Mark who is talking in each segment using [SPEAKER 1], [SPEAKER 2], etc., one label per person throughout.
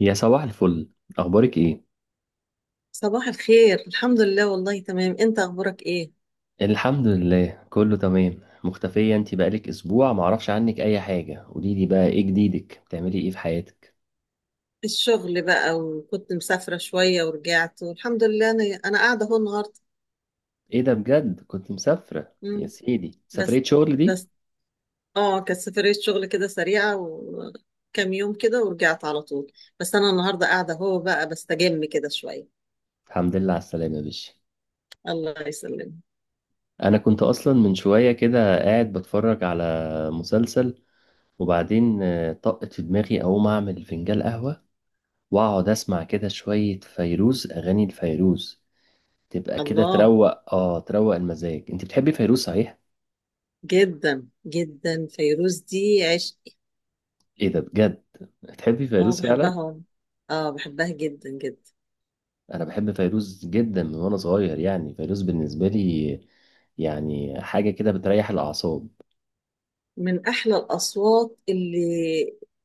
[SPEAKER 1] يا صباح الفل، اخبارك ايه؟
[SPEAKER 2] صباح الخير، الحمد لله، والله تمام. انت اخبارك ايه؟
[SPEAKER 1] الحمد لله كله تمام. مختفية، انت بقالك اسبوع معرفش عنك اي حاجة. قوليلي بقى، ايه جديدك؟ بتعملي ايه في حياتك؟
[SPEAKER 2] الشغل بقى، وكنت مسافرة شوية ورجعت، والحمد لله. انا قاعدة اهو النهاردة.
[SPEAKER 1] ايه ده بجد؟ كنت مسافرة يا
[SPEAKER 2] مم.
[SPEAKER 1] سيدي؟
[SPEAKER 2] بس.
[SPEAKER 1] سفرية شغل دي؟
[SPEAKER 2] بس. اه، كانت سفرية شغل كده سريعة، وكام يوم كده ورجعت على طول. بس انا النهاردة قاعدة اهو بقى، بستجم كده شوية.
[SPEAKER 1] الحمد لله على السلامة يا باشا.
[SPEAKER 2] الله يسلمك.
[SPEAKER 1] انا كنت اصلا من شوية كده قاعد بتفرج على مسلسل، وبعدين طقت في دماغي اقوم اعمل فنجان قهوة واقعد اسمع كده شوية فيروز، اغاني الفيروز تبقى كده
[SPEAKER 2] الله،
[SPEAKER 1] تروق المزاج. انت بتحبي فيروز صحيح؟
[SPEAKER 2] جدا جدا فيروز دي عشق.
[SPEAKER 1] ايه ده بجد؟ تحبي
[SPEAKER 2] اه،
[SPEAKER 1] فيروز فعلا؟
[SPEAKER 2] بحبها. اه، بحبها جدا جدا.
[SPEAKER 1] انا بحب فيروز جدا من وانا صغير. يعني فيروز بالنسبه لي يعني حاجه كده بتريح الاعصاب.
[SPEAKER 2] من أحلى الأصوات اللي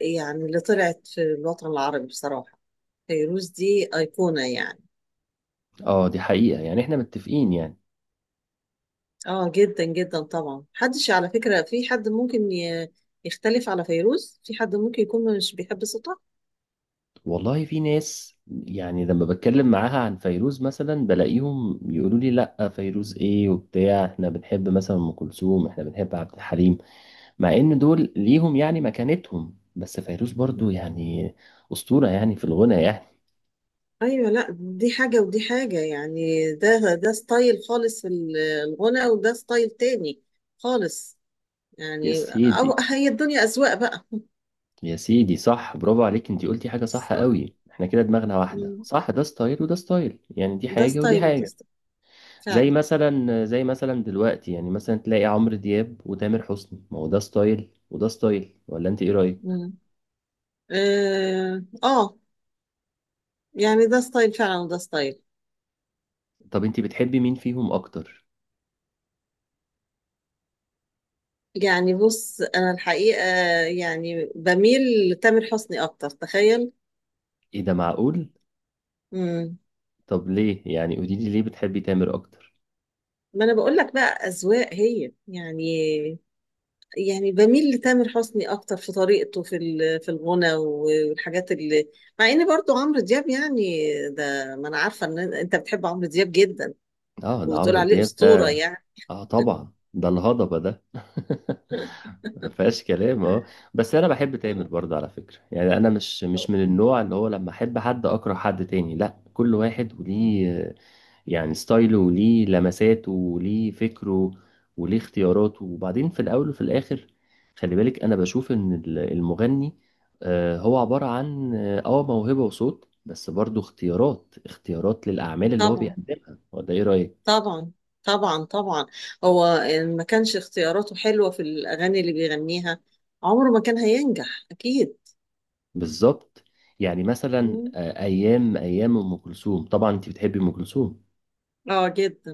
[SPEAKER 2] يعني اللي طلعت في الوطن العربي بصراحة. فيروز دي أيقونة يعني.
[SPEAKER 1] اه دي حقيقه، يعني احنا متفقين يعني.
[SPEAKER 2] آه، جدا جدا طبعا. محدش على فكرة في حد ممكن يختلف على فيروز، في حد ممكن يكون مش بيحب صوتها.
[SPEAKER 1] والله في ناس يعني لما بتكلم معاها عن فيروز مثلا بلاقيهم يقولوا لي: لا فيروز ايه وبتاع، احنا بنحب مثلا ام كلثوم، احنا بنحب عبد الحليم. مع ان دول ليهم يعني مكانتهم، بس فيروز برضو يعني اسطوره يعني في الغنى يعني.
[SPEAKER 2] أيوة، لا، دي حاجة ودي حاجة. يعني ده ستايل خالص في الغنى، وده ستايل تاني خالص.
[SPEAKER 1] يا
[SPEAKER 2] يعني أو
[SPEAKER 1] سيدي،
[SPEAKER 2] هي الدنيا أذواق بقى.
[SPEAKER 1] يا سيدي، صح، برافو عليك. انت قلتي حاجة صح
[SPEAKER 2] صح.
[SPEAKER 1] قوي، احنا كده دماغنا واحدة.
[SPEAKER 2] مم.
[SPEAKER 1] صح ده ستايل وده ستايل، يعني دي
[SPEAKER 2] ده
[SPEAKER 1] حاجة ودي
[SPEAKER 2] ستايل وده
[SPEAKER 1] حاجة.
[SPEAKER 2] ستايل
[SPEAKER 1] زي
[SPEAKER 2] فعلا.
[SPEAKER 1] مثلا زي مثلا دلوقتي يعني مثلا تلاقي عمرو دياب وتامر حسني، ما هو ده ستايل وده ستايل، ولا انت ايه رأيك؟
[SPEAKER 2] مم. اه، يعني ده ستايل فعلا، وده ستايل.
[SPEAKER 1] طب انت بتحبي مين فيهم اكتر؟
[SPEAKER 2] يعني بص، انا الحقيقة يعني بميل لتامر حسني اكتر، تخيل.
[SPEAKER 1] ايه ده؟ معقول؟
[SPEAKER 2] امم.
[SPEAKER 1] طب ليه يعني؟ قولي لي ليه بتحبي تامر اكتر؟
[SPEAKER 2] ما انا بقول لك بقى، اذواق هي يعني. يعني بميل لتامر حسني اكتر في طريقته في في الغنى والحاجات اللي، مع ان برضو عمرو دياب يعني، ده ما انا عارفة ان انت بتحب عمرو دياب جدا
[SPEAKER 1] اه ده
[SPEAKER 2] وبتقول
[SPEAKER 1] عمرو
[SPEAKER 2] عليه
[SPEAKER 1] دياب ده.
[SPEAKER 2] أسطورة يعني.
[SPEAKER 1] اه طبعا، ده الهضبة ده. ما فيهاش كلام، اه. بس انا بحب تامر
[SPEAKER 2] آه،
[SPEAKER 1] برضه على فكرة. يعني انا مش
[SPEAKER 2] آه،
[SPEAKER 1] مش من النوع اللي هو لما احب حد اكره حد تاني. لا، كل واحد وليه يعني ستايله وليه لمساته وليه فكره وليه اختياراته. وبعدين في الاول وفي الاخر خلي بالك، انا بشوف ان المغني هو عبارة عن موهبة وصوت، بس برضه اختيارات اختيارات للاعمال اللي هو
[SPEAKER 2] طبعا
[SPEAKER 1] بيقدمها. ولا ايه رأيك؟
[SPEAKER 2] طبعا طبعا طبعا. هو إن ما كانش اختياراته حلوة في الأغاني اللي بيغنيها، عمره ما كان هينجح أكيد.
[SPEAKER 1] بالظبط. يعني مثلا
[SPEAKER 2] مم.
[SPEAKER 1] ايام ام كلثوم. طبعا انت بتحبي ام كلثوم؟
[SPEAKER 2] اه، جدا.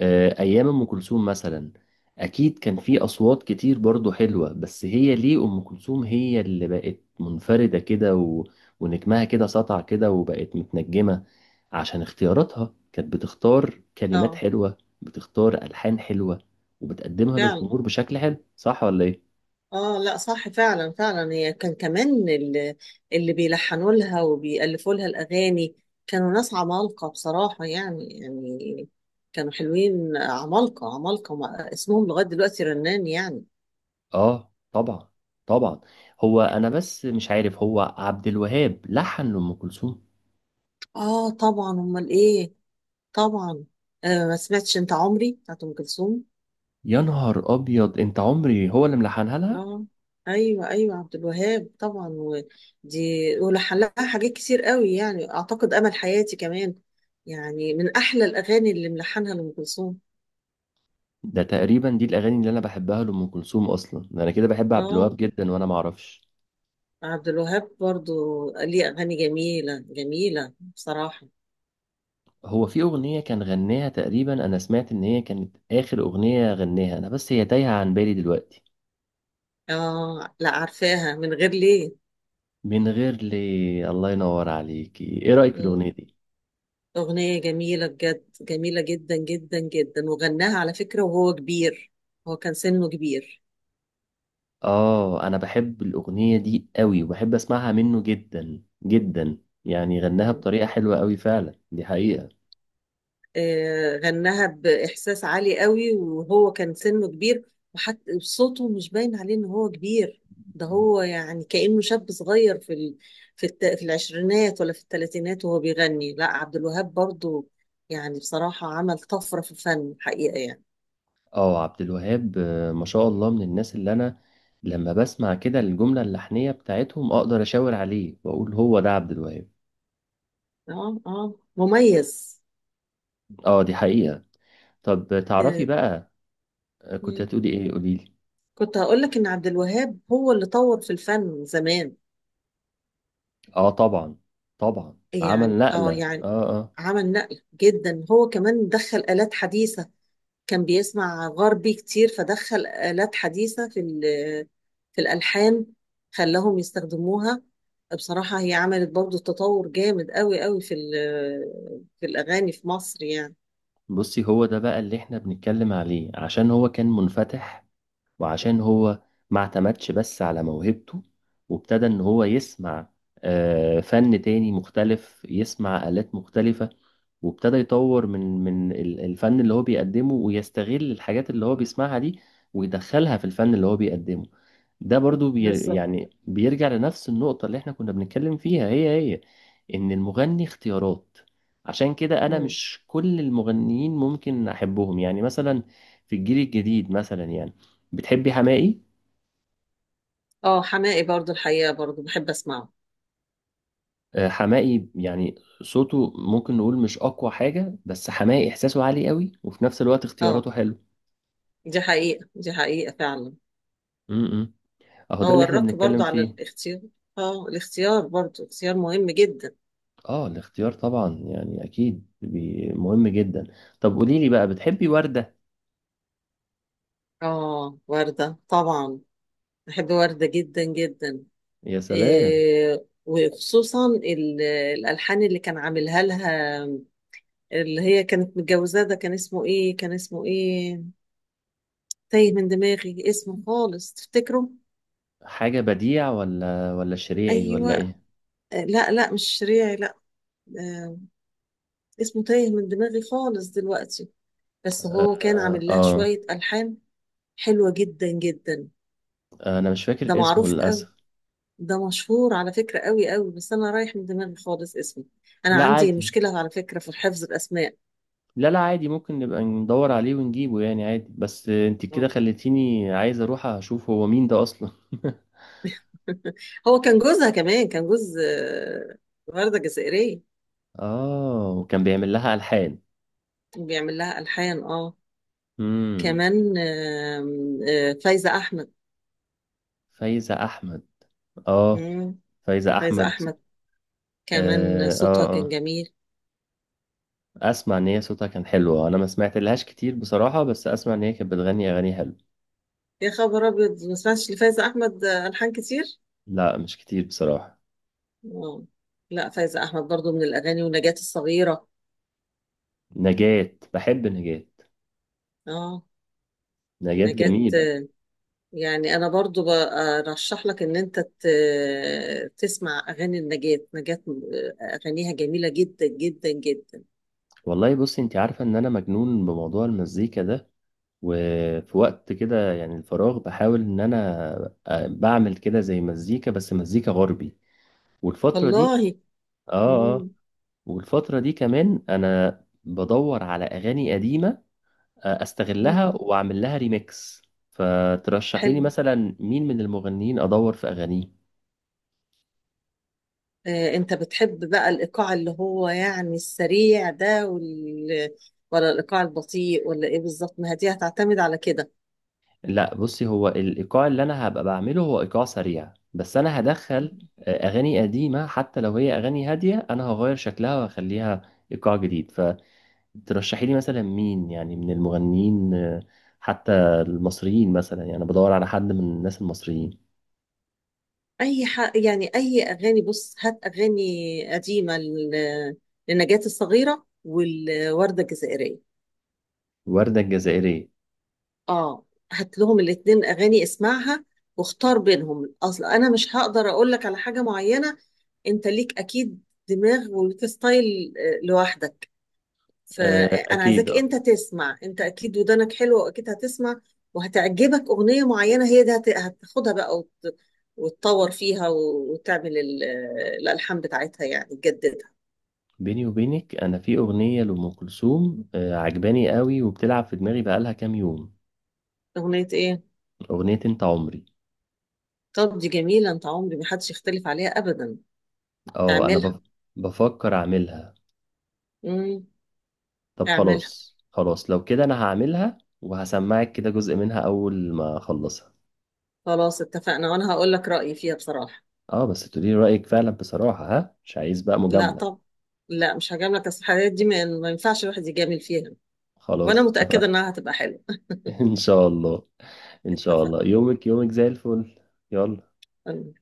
[SPEAKER 1] ايام ام كلثوم مثلا، اكيد كان في اصوات كتير برضو حلوه، بس هي ليه ام كلثوم هي اللي بقت منفرده كده و... ونجمها كده سطع كده وبقت متنجمه؟ عشان اختياراتها كانت بتختار كلمات
[SPEAKER 2] اه،
[SPEAKER 1] حلوه، بتختار الحان حلوه، وبتقدمها
[SPEAKER 2] فعلا.
[SPEAKER 1] للجمهور بشكل حلو. صح ولا ايه؟
[SPEAKER 2] اه لا، صح، فعلا فعلا. هي كان كمان اللي بيلحنوا لها وبيألفوا لها الأغاني كانوا ناس عمالقة بصراحة، يعني كانوا حلوين، عمالقة عمالقة، اسمهم لغاية دلوقتي رنان يعني.
[SPEAKER 1] اه طبعا، طبعا. هو انا بس مش عارف، هو عبد الوهاب لحن لأم كلثوم؟
[SPEAKER 2] اه طبعا، أمال إيه. طبعا. آه، ما سمعتش أنت عمري بتاعت أم كلثوم؟
[SPEAKER 1] يا نهار ابيض، انت عمري هو اللي ملحنها لها؟
[SPEAKER 2] اه، ايوه ايوه، عبد الوهاب طبعا، ودي ولحلها حاجات كتير قوي يعني. اعتقد امل حياتي كمان يعني من احلى الاغاني اللي ملحنها لام كلثوم.
[SPEAKER 1] ده تقريبا دي الاغاني اللي انا بحبها لأم كلثوم اصلا، ده انا كده بحب عبد الوهاب
[SPEAKER 2] اه،
[SPEAKER 1] جدا وانا ما اعرفش.
[SPEAKER 2] عبد الوهاب برضو ليه اغاني جميله جميله بصراحه.
[SPEAKER 1] هو في اغنية كان غناها تقريبا، انا سمعت ان هي كانت اخر اغنية غناها، انا بس هي تايهة عن بالي دلوقتي.
[SPEAKER 2] اه لا، عارفاها، من غير ليه.
[SPEAKER 1] من غير لي، الله ينور عليكي. ايه رأيك في الاغنية
[SPEAKER 2] مم.
[SPEAKER 1] دي؟
[SPEAKER 2] اغنيه جميله بجد، جميله جدا جدا جدا. وغناها على فكره وهو كبير، هو كان سنه كبير.
[SPEAKER 1] اه انا بحب الاغنيه دي قوي، وبحب اسمعها منه جدا جدا. يعني غناها بطريقه حلوه قوي فعلا، دي حقيقه.
[SPEAKER 2] غناها بإحساس عالي قوي وهو كان سنه كبير، وحتى صوته مش باين عليه إن هو كبير. ده هو يعني كأنه شاب صغير في العشرينات ولا في الثلاثينات وهو بيغني. لا، عبد الوهاب برضو، يعني بصراحة عمل طفرة في الفن حقيقة يعني.
[SPEAKER 1] اه عبد الوهاب، ما شاء الله، من الناس اللي انا لما بسمع كده الجمله اللحنيه بتاعتهم اقدر اشاور عليه واقول هو ده عبد الوهاب.
[SPEAKER 2] اه اه، مميز.
[SPEAKER 1] اه دي حقيقه. طب تعرفي
[SPEAKER 2] آه.
[SPEAKER 1] بقى. كنت
[SPEAKER 2] مم.
[SPEAKER 1] هتقولي ايه؟ قولي لي.
[SPEAKER 2] كنت هقول لك إن عبد الوهاب هو اللي طور في الفن زمان.
[SPEAKER 1] اه طبعا، طبعا عمل
[SPEAKER 2] يعني
[SPEAKER 1] نقله،
[SPEAKER 2] اه يعني
[SPEAKER 1] اه. اه
[SPEAKER 2] عمل نقل جدا. هو كمان دخل آلات حديثة، كان بيسمع غربي كتير، فدخل آلات حديثة في في الألحان، خلاهم يستخدموها. بصراحة هي عملت برضو تطور جامد قوي قوي في في الأغاني في مصر يعني.
[SPEAKER 1] بصي، هو ده بقى اللي احنا بنتكلم عليه، عشان هو كان منفتح، وعشان هو ما اعتمدش بس على موهبته، وابتدى ان هو يسمع فن تاني مختلف، يسمع آلات مختلفة، وابتدى يطور من الفن اللي هو بيقدمه، ويستغل الحاجات اللي هو بيسمعها دي ويدخلها في الفن اللي هو بيقدمه. ده برضو
[SPEAKER 2] بالظبط.
[SPEAKER 1] يعني بيرجع لنفس النقطة اللي احنا كنا بنتكلم فيها هي هي، ان المغني اختيارات. عشان كده انا
[SPEAKER 2] مم.
[SPEAKER 1] مش كل المغنيين ممكن احبهم، يعني مثلا في الجيل الجديد مثلا، يعني بتحبي حماقي؟
[SPEAKER 2] اه، حماقي برضو الحقيقة برضو بحب أسمعه.
[SPEAKER 1] حماقي يعني صوته ممكن نقول مش اقوى حاجة، بس حماقي احساسه عالي قوي، وفي نفس الوقت اختياراته
[SPEAKER 2] اه،
[SPEAKER 1] حلو.
[SPEAKER 2] دي حقيقة دي حقيقة فعلا.
[SPEAKER 1] امم. اهو ده
[SPEAKER 2] هو
[SPEAKER 1] اللي احنا
[SPEAKER 2] الرك برضو
[SPEAKER 1] بنتكلم
[SPEAKER 2] على
[SPEAKER 1] فيه.
[SPEAKER 2] الاختيار. اه، الاختيار برضو اختيار مهم جدا.
[SPEAKER 1] اه الاختيار طبعا، يعني اكيد مهم جدا. طب قولي لي بقى، بتحبي وردة؟
[SPEAKER 2] اه، وردة طبعا. بحب وردة جدا جدا.
[SPEAKER 1] يا سلام.
[SPEAKER 2] وخصوصا الألحان اللي كان عاملها لها، اللي هي كانت متجوزاه. ده كان اسمه ايه، كان اسمه ايه؟ تايه من دماغي اسمه خالص. تفتكره؟
[SPEAKER 1] حاجة بديع ولا شريعي
[SPEAKER 2] ايوه.
[SPEAKER 1] ولا ايه؟
[SPEAKER 2] لا لا، مش شريعي، لا. آه، اسمه تايه من دماغي خالص دلوقتي. بس هو كان
[SPEAKER 1] آه,
[SPEAKER 2] عامل لها
[SPEAKER 1] اه
[SPEAKER 2] شوية ألحان حلوة جدا جدا.
[SPEAKER 1] انا مش
[SPEAKER 2] ده
[SPEAKER 1] فاكر اسمه
[SPEAKER 2] معروف قوي،
[SPEAKER 1] للأسف.
[SPEAKER 2] ده مشهور على فكرة قوي قوي. بس أنا رايح من دماغي خالص اسمه. أنا
[SPEAKER 1] لا
[SPEAKER 2] عندي
[SPEAKER 1] عادي.
[SPEAKER 2] مشكلة على فكرة في حفظ الأسماء.
[SPEAKER 1] لا، لا، عادي ممكن نبقى ندور عليه ونجيبه يعني عادي. بس انت كده
[SPEAKER 2] آه.
[SPEAKER 1] خليتيني عايز اروح اشوف هو مين ده اصلا.
[SPEAKER 2] هو كان جوزها كمان، كان جوز وردة جزائرية.
[SPEAKER 1] اه وكان بيعمل لها ألحان.
[SPEAKER 2] وبيعمل لها ألحان، اه.
[SPEAKER 1] امم.
[SPEAKER 2] كمان آم، آه، فايزة أحمد.
[SPEAKER 1] فايزة احمد، اه
[SPEAKER 2] مم،
[SPEAKER 1] فايزة
[SPEAKER 2] فايزة
[SPEAKER 1] احمد.
[SPEAKER 2] أحمد. كمان
[SPEAKER 1] اه، اه،
[SPEAKER 2] صوتها كان
[SPEAKER 1] آه.
[SPEAKER 2] جميل.
[SPEAKER 1] اسمع ان هي صوتها كان حلو، انا ما سمعت لهاش كتير بصراحة، بس اسمع ان هي كانت بتغني اغاني حلوه.
[SPEAKER 2] يا خبر أبيض، ما سمعتش لفايزة أحمد ألحان كتير.
[SPEAKER 1] لا مش كتير بصراحة.
[SPEAKER 2] اه لا، فايزة أحمد برضو من الأغاني، ونجاة الصغيرة.
[SPEAKER 1] نجاة، بحب نجاة.
[SPEAKER 2] اه.
[SPEAKER 1] نجاة
[SPEAKER 2] نجاة،
[SPEAKER 1] جميلة.
[SPEAKER 2] يعني أنا برضو برشح لك إن أنت تسمع أغاني النجاة. نجاة، أغانيها جميلة جدا جدا جدا.
[SPEAKER 1] والله بصي، انت عارفة ان انا مجنون بموضوع المزيكا ده، وفي وقت كده يعني الفراغ بحاول ان انا بعمل كده زي مزيكا، بس مزيكا غربي. والفترة دي،
[SPEAKER 2] والله.
[SPEAKER 1] اه، اه.
[SPEAKER 2] مم.
[SPEAKER 1] والفترة دي كمان انا بدور على اغاني قديمة، استغلها
[SPEAKER 2] مم.
[SPEAKER 1] واعمل لها ريميكس. فترشحي لي
[SPEAKER 2] حلو.
[SPEAKER 1] مثلا مين من المغنيين ادور في اغانيه؟
[SPEAKER 2] انت بتحب بقى الايقاع اللي هو يعني السريع ده ولا الايقاع البطيء؟ ولا ايه بالظبط، ما هي دي هتعتمد على كده.
[SPEAKER 1] لا بصي، هو الايقاع اللي انا هبقى بعمله هو ايقاع سريع، بس انا هدخل
[SPEAKER 2] مم.
[SPEAKER 1] اغاني قديمه، حتى لو هي اغاني هاديه انا هغير شكلها وهخليها ايقاع جديد. فترشحي لي مثلا مين يعني من المغنيين، حتى المصريين مثلا، يعني أنا بدور على حد من الناس المصريين.
[SPEAKER 2] يعني اي اغاني؟ بص، هات اغاني قديمه لنجاة الصغيره والورده الجزائريه.
[SPEAKER 1] وردة الجزائرية.
[SPEAKER 2] اه، هات لهم الاتنين اغاني، اسمعها واختار بينهم. اصل انا مش هقدر اقول لك على حاجه معينه. انت ليك اكيد دماغ وليك ستايل لوحدك. فانا
[SPEAKER 1] اكيد،
[SPEAKER 2] عايزاك
[SPEAKER 1] اه.
[SPEAKER 2] انت تسمع، انت اكيد ودانك حلوه واكيد هتسمع وهتعجبك اغنيه معينه، هي دي هتاخدها بقى وتطور فيها وتعمل الالحان بتاعتها، يعني تجددها.
[SPEAKER 1] بيني وبينك، انا في اغنيه لام كلثوم عجباني قوي، وبتلعب في دماغي بقالها كام يوم.
[SPEAKER 2] اغنيه ايه؟
[SPEAKER 1] اغنيه انت عمري.
[SPEAKER 2] طب دي جميله، انت عمري، ما حدش يختلف عليها ابدا.
[SPEAKER 1] اه انا
[SPEAKER 2] اعملها.
[SPEAKER 1] بفكر اعملها.
[SPEAKER 2] امم.
[SPEAKER 1] طب
[SPEAKER 2] اعملها.
[SPEAKER 1] خلاص، خلاص، لو كده انا هعملها وهسمعك كده جزء منها اول ما اخلصها.
[SPEAKER 2] خلاص، اتفقنا، وانا هقول لك رأيي فيها بصراحة.
[SPEAKER 1] اه بس تقولي لي رأيك فعلا بصراحة، ها؟ مش عايز بقى
[SPEAKER 2] لا
[SPEAKER 1] مجاملة.
[SPEAKER 2] طب، لا مش هجاملك، اصل الحاجات دي ما ينفعش الواحد يجامل فيها.
[SPEAKER 1] خلاص
[SPEAKER 2] وانا متأكدة
[SPEAKER 1] اتفقنا.
[SPEAKER 2] انها هتبقى حلوة.
[SPEAKER 1] ان شاء الله. ان شاء الله
[SPEAKER 2] اتفقنا.
[SPEAKER 1] يومك، يومك زي الفل. يلا.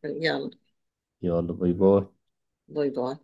[SPEAKER 2] يلا
[SPEAKER 1] يلا، باي باي.
[SPEAKER 2] باي باي.